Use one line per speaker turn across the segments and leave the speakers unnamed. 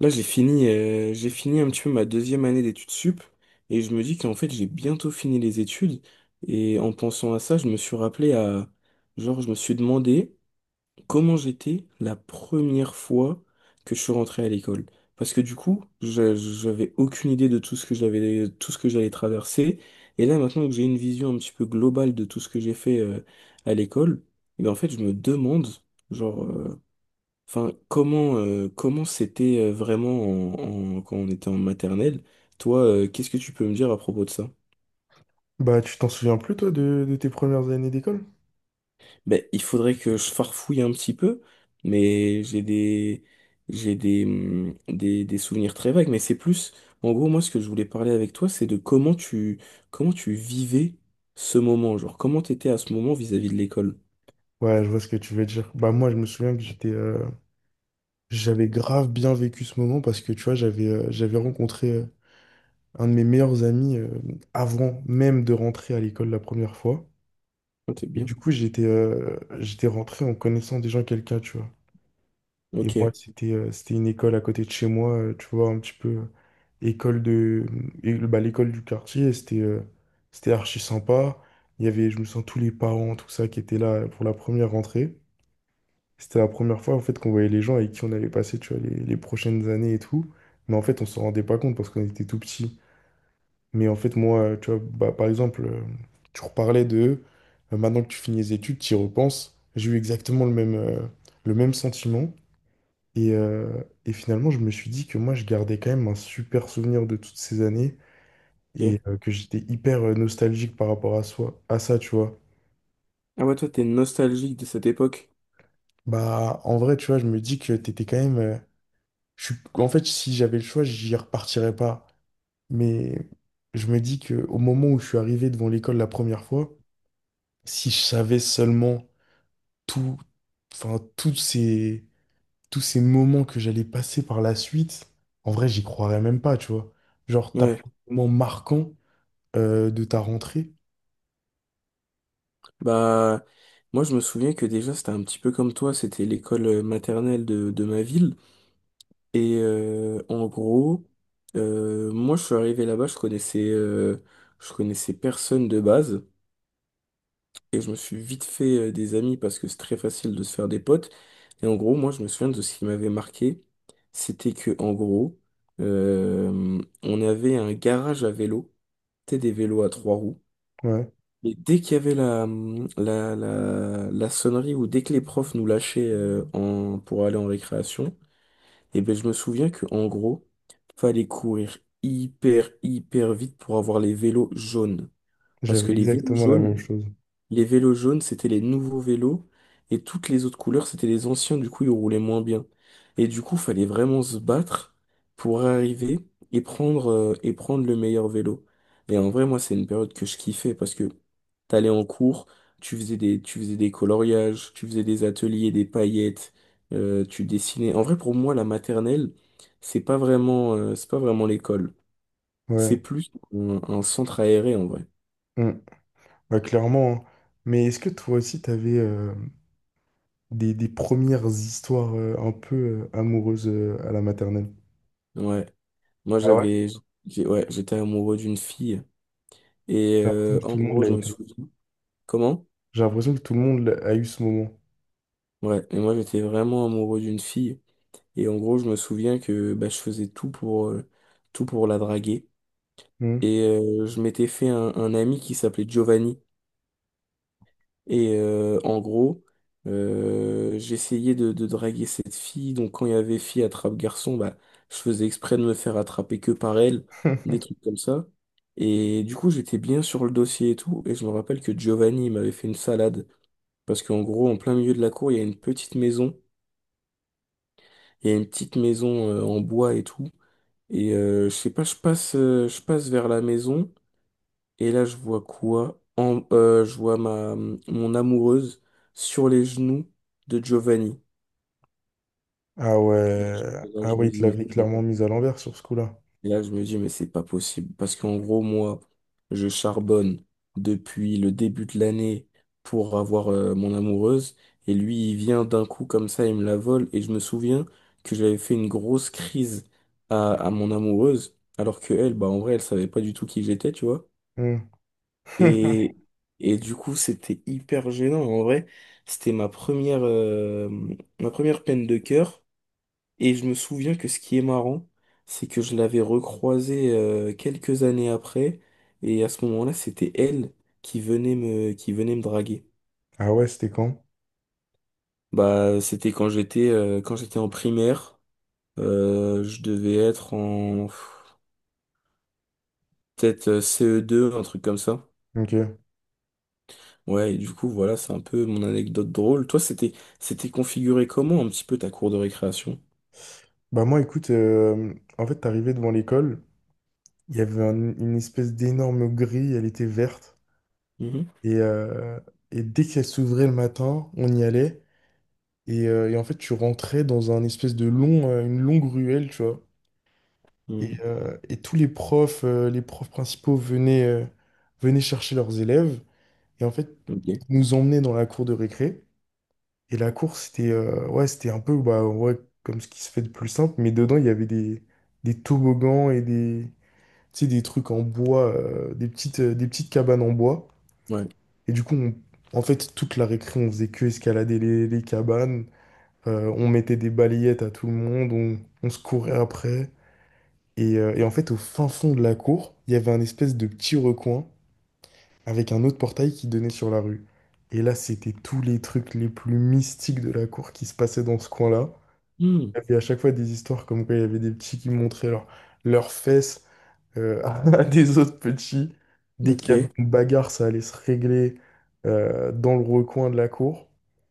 Là, j'ai fini un petit peu ma deuxième année d'études sup et je me dis qu'en fait, j'ai bientôt fini les études. Et en pensant à ça, je me suis demandé comment j'étais la première fois que je suis rentré à l'école. Parce que du coup, j'avais aucune idée de tout ce que j'avais, tout ce que j'allais traverser. Et là, maintenant que j'ai une vision un petit peu globale de tout ce que j'ai fait, à l'école, et en fait, je me demande, genre, euh, Enfin, comment comment c'était vraiment quand on était en maternelle? Toi, qu'est-ce que tu peux me dire à propos de ça?
Bah, tu t'en souviens plus, toi, de tes premières années d'école?
Ben, il faudrait que je farfouille un petit peu, mais j'ai des souvenirs très vagues. Mais c'est plus, en gros, moi, ce que je voulais parler avec toi, c'est de comment tu vivais ce moment, genre comment t'étais à ce moment vis-à-vis de l'école.
Ouais, je vois ce que tu veux dire. Bah, moi, je me souviens que j'étais, j'avais grave bien vécu ce moment parce que, tu vois, j'avais rencontré un de mes meilleurs amis, avant même de rentrer à l'école la première fois.
Ah, t'es
Et
bien.
du coup, j'étais rentré en connaissant déjà quelqu'un, tu vois. Et
Ok,
moi, c'était une école à côté de chez moi, tu vois, un petit peu. École de et, bah, l'école du quartier c'était archi sympa. Il y avait, je me sens, tous les parents, tout ça, qui étaient là pour la première rentrée. C'était la première fois en fait qu'on voyait les gens avec qui on avait passé, tu vois, les prochaines années et tout. Mais en fait on s'en rendait pas compte parce qu'on était tout petits. Mais en fait moi, tu vois, bah, par exemple, tu reparlais de maintenant que tu finis les études, tu y repenses, j'ai eu exactement le même, le même sentiment. Et, et finalement je me suis dit que moi je gardais quand même un super souvenir de toutes ces années. Et
ok.
que j'étais hyper nostalgique par rapport à soi, à ça, tu vois.
Ah ouais, toi, t'es nostalgique de cette époque.
Bah, en vrai, tu vois, je me dis que t'étais quand même. Euh, je suis... En fait, si j'avais le choix, j'y repartirais pas. Mais je me dis que au moment où je suis arrivé devant l'école la première fois, si je savais seulement tout, enfin, tous ces moments que j'allais passer par la suite, en vrai, j'y croirais même pas, tu vois. Genre, t'as pas
Ouais.
de moment marquant de ta rentrée.
Bah, moi je me souviens que déjà c'était un petit peu comme toi, c'était l'école maternelle de ma ville. Et en gros, moi je suis arrivé là-bas, je connaissais personne de base. Et je me suis vite fait des amis parce que c'est très facile de se faire des potes. Et en gros, moi je me souviens de ce qui m'avait marqué, c'était que en gros, on avait un garage à vélo, c'était des vélos à trois roues.
Ouais,
Mais dès qu'il y avait la sonnerie ou dès que les profs nous lâchaient pour aller en récréation, et ben je me souviens que en gros, fallait courir hyper hyper vite pour avoir les vélos jaunes. Parce
j'avais
que
exactement la même chose.
les vélos jaunes, c'était les nouveaux vélos. Et toutes les autres couleurs, c'était les anciens. Du coup, ils roulaient moins bien. Et du coup, fallait vraiment se battre pour arriver et prendre le meilleur vélo. Et en vrai, moi, c'est une période que je kiffais parce que t'allais en cours, tu faisais des coloriages, tu faisais des ateliers, des paillettes, tu dessinais. En vrai, pour moi, la maternelle, c'est pas vraiment l'école. C'est
Ouais.
plus un centre aéré, en vrai.
Ouais, clairement, hein. Mais est-ce que toi aussi, t'avais des premières histoires un peu amoureuses à la maternelle?
Ouais. Moi,
Ah ouais?
j'avais, ouais, j'étais amoureux d'une fille. Et
J'ai l'impression que
en
tout le monde
gros,
l'a
je me
été.
souviens. Comment?
J'ai l'impression que tout le monde a eu ce moment.
Ouais, et moi, j'étais vraiment amoureux d'une fille. Et en gros, je me souviens que bah, je faisais tout pour la draguer.
Hmm.
Et je m'étais fait un ami qui s'appelait Giovanni. Et en gros, j'essayais de draguer cette fille. Donc quand il y avait fille attrape garçon, bah, je faisais exprès de me faire attraper que par elle, des trucs comme ça. Et du coup, j'étais bien sur le dossier et tout. Et je me rappelle que Giovanni il m'avait fait une salade. Parce qu'en gros, en plein milieu de la cour, il y a une petite maison. Il y a une petite maison en bois et tout. Et je sais pas, je passe vers la maison. Et là, je vois quoi? Je vois mon amoureuse sur les genoux de Giovanni.
Ah ouais.
Et là,
Ah
je
ouais,
me
il te
dis, mais
l'avait
c'est pas,
clairement mise à l'envers sur ce coup-là.
et là, je me dis, mais c'est pas possible. Parce qu'en gros, moi, je charbonne depuis le début de l'année pour avoir mon amoureuse. Et lui, il vient d'un coup comme ça, il me la vole. Et je me souviens que j'avais fait une grosse crise à mon amoureuse. Alors que elle, bah, en vrai, elle savait pas du tout qui j'étais, tu vois.
Hmm.
Et, et du coup, c'était hyper gênant. En vrai, c'était ma première, euh, ma première peine de cœur. Et je me souviens que ce qui est marrant, c'est que je l'avais recroisée quelques années après. Et à ce moment-là, c'était elle qui venait me draguer.
Ah ouais, c'était quand?
Bah, c'était quand j'étais en primaire. Je devais être en pff, peut-être CE2, un truc comme ça.
Ok.
Ouais, et du coup, voilà, c'est un peu mon anecdote drôle. Toi, c'était configuré comment un petit peu ta cour de récréation?
Bah moi, écoute, en fait, t'arrivais devant l'école, il y avait une espèce d'énorme grille, elle était verte,
Mhm.
et, euh, et dès qu'elle s'ouvrait le matin, on y allait. Et en fait, tu rentrais dans un espèce de long, une longue ruelle, tu vois.
Mhm.
Et tous les profs principaux venaient, venaient chercher leurs élèves. Et en fait,
Ok.
ils nous emmenaient dans la cour de récré. Et la cour, c'était ouais, c'était un peu bah, ouais, comme ce qui se fait de plus simple. Mais dedans, il y avait des toboggans et des, tu sais, des trucs en bois, des petites, des petites cabanes en bois.
Ouais.
Et du coup, en fait, toute la récré, on faisait que escalader les cabanes. On mettait des balayettes à tout le monde, on se courait après. Et en fait, au fin fond de la cour, il y avait un espèce de petit recoin avec un autre portail qui donnait sur la rue. Et là, c'était tous les trucs les plus mystiques de la cour qui se passaient dans ce coin-là.
Mhm.
Il y avait à chaque fois des histoires comme quoi il y avait des petits qui montraient leurs fesses à des autres petits. Dès qu'il
Ok.
y avait une bagarre, ça allait se régler dans le recoin de la cour.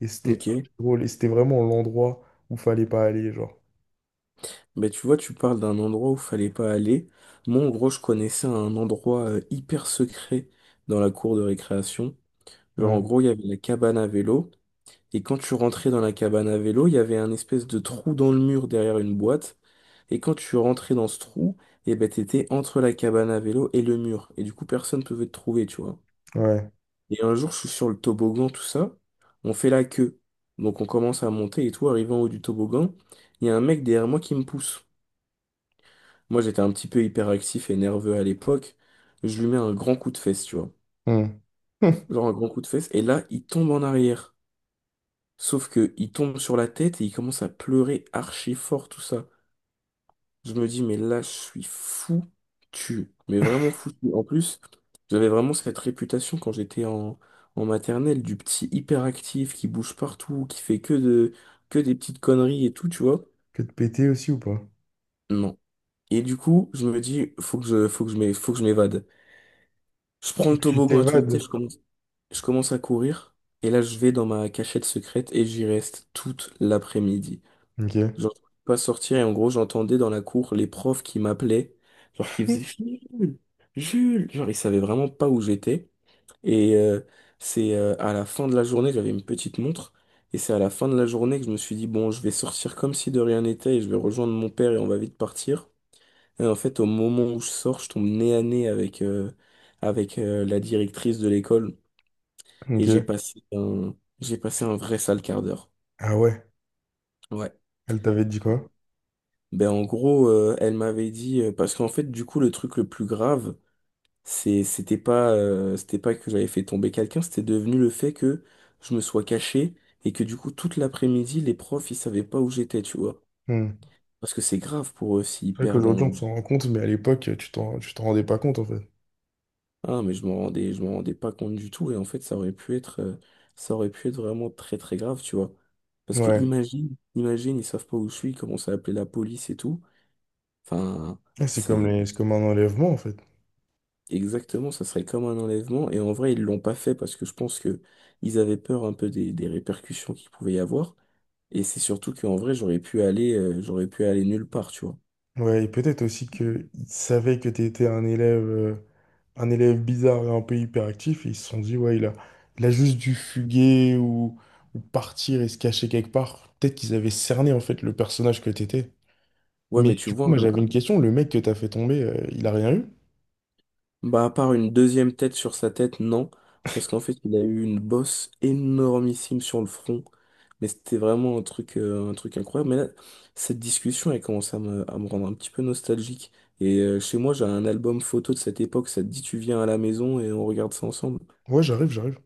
Et c'était
Ok.
archi drôle. Et c'était vraiment l'endroit où fallait pas aller, genre.
Ben, tu vois, tu parles d'un endroit où fallait pas aller. Moi, en gros, je connaissais un endroit hyper secret dans la cour de récréation. Genre, en
Ouais,
gros, il y avait la cabane à vélo. Et quand tu rentrais dans la cabane à vélo, il y avait un espèce de trou dans le mur derrière une boîte. Et quand tu rentrais dans ce trou, et ben t'étais entre la cabane à vélo et le mur. Et du coup, personne ne pouvait te trouver, tu vois.
ouais.
Et un jour, je suis sur le toboggan, tout ça. On fait la queue. Donc on commence à monter et tout, arrivé en haut du toboggan, il y a un mec derrière moi qui me pousse. Moi, j'étais un petit peu hyperactif et nerveux à l'époque. Je lui mets un grand coup de fesse, tu vois.
Hmm. Hmm.
Genre un grand coup de fesse. Et là, il tombe en arrière. Sauf que il tombe sur la tête et il commence à pleurer archi fort, tout ça. Je me dis, mais là, je suis foutu. Mais vraiment foutu. En plus, j'avais vraiment cette réputation quand en maternelle du petit hyperactif qui bouge partout, qui fait que de, que des petites conneries et tout, tu vois.
Que de péter aussi ou pas?
Non. Et du coup, je me dis, faut que je m'é- faut que je m'évade. Je prends
Faut
le
que tu
toboggan à toute vitesse,
t'évades.
je commence à courir. Et là, je vais dans ma cachette secrète et j'y reste toute l'après-midi.
Ok,
Genre, je pouvais pas sortir et en gros, j'entendais dans la cour les profs qui m'appelaient, genre qui faisaient Jules, Jules, genre ils savaient vraiment pas où j'étais. Et c'est à la fin de la journée, j'avais une petite montre, et c'est à la fin de la journée que je me suis dit, bon, je vais sortir comme si de rien n'était et je vais rejoindre mon père et on va vite partir. Et en fait, au moment où je sors, je tombe nez à nez avec, avec la directrice de l'école et
ok.
j'ai passé un vrai sale quart d'heure.
Ah ouais,
Ouais.
elle t'avait dit quoi?
Ben en gros, elle m'avait dit, parce qu'en fait, du coup, le truc le plus grave, c'était pas, c'était pas que j'avais fait tomber quelqu'un, c'était devenu le fait que je me sois caché et que du coup toute l'après-midi, les profs, ils savaient pas où j'étais, tu vois.
Hmm.
Parce que c'est grave pour eux s'ils
C'est vrai
perdent
qu'aujourd'hui on
un
s'en rend compte, mais à l'époque tu t'en rendais pas compte en fait.
ah mais je m'en rendais pas compte du tout et en fait, ça aurait pu être vraiment très très grave, tu vois. Parce que
Ouais.
imagine, ils savent pas où je suis, ils commencent à appeler la police et tout. Enfin,
Et c'est comme
c'est
les, c'est comme un enlèvement en fait.
Exactement, ça serait comme un enlèvement. Et en vrai, ils l'ont pas fait parce que je pense que ils avaient peur un peu des répercussions qu'il pouvait y avoir. Et c'est surtout qu'en vrai, j'aurais pu aller nulle part, tu vois.
Ouais, et peut-être aussi qu'ils savaient que t'étais un élève bizarre et un peu hyperactif, et ils se sont dit, ouais, il a juste dû fuguer ou partir et se cacher quelque part. Peut-être qu'ils avaient cerné en fait le personnage que t'étais.
Ouais,
Mais
mais tu
du coup,
vois,
moi j'avais une question, le mec que t'as fait tomber, il a rien eu?
bah, à part une deuxième tête sur sa tête, non. Parce qu'en fait, il a eu une bosse énormissime sur le front. Mais c'était vraiment un truc incroyable. Mais là, cette discussion, elle commence à me rendre un petit peu nostalgique. Et chez moi, j'ai un album photo de cette époque. Ça te dit, tu viens à la maison et on regarde ça ensemble.
Ouais, j'arrive, j'arrive.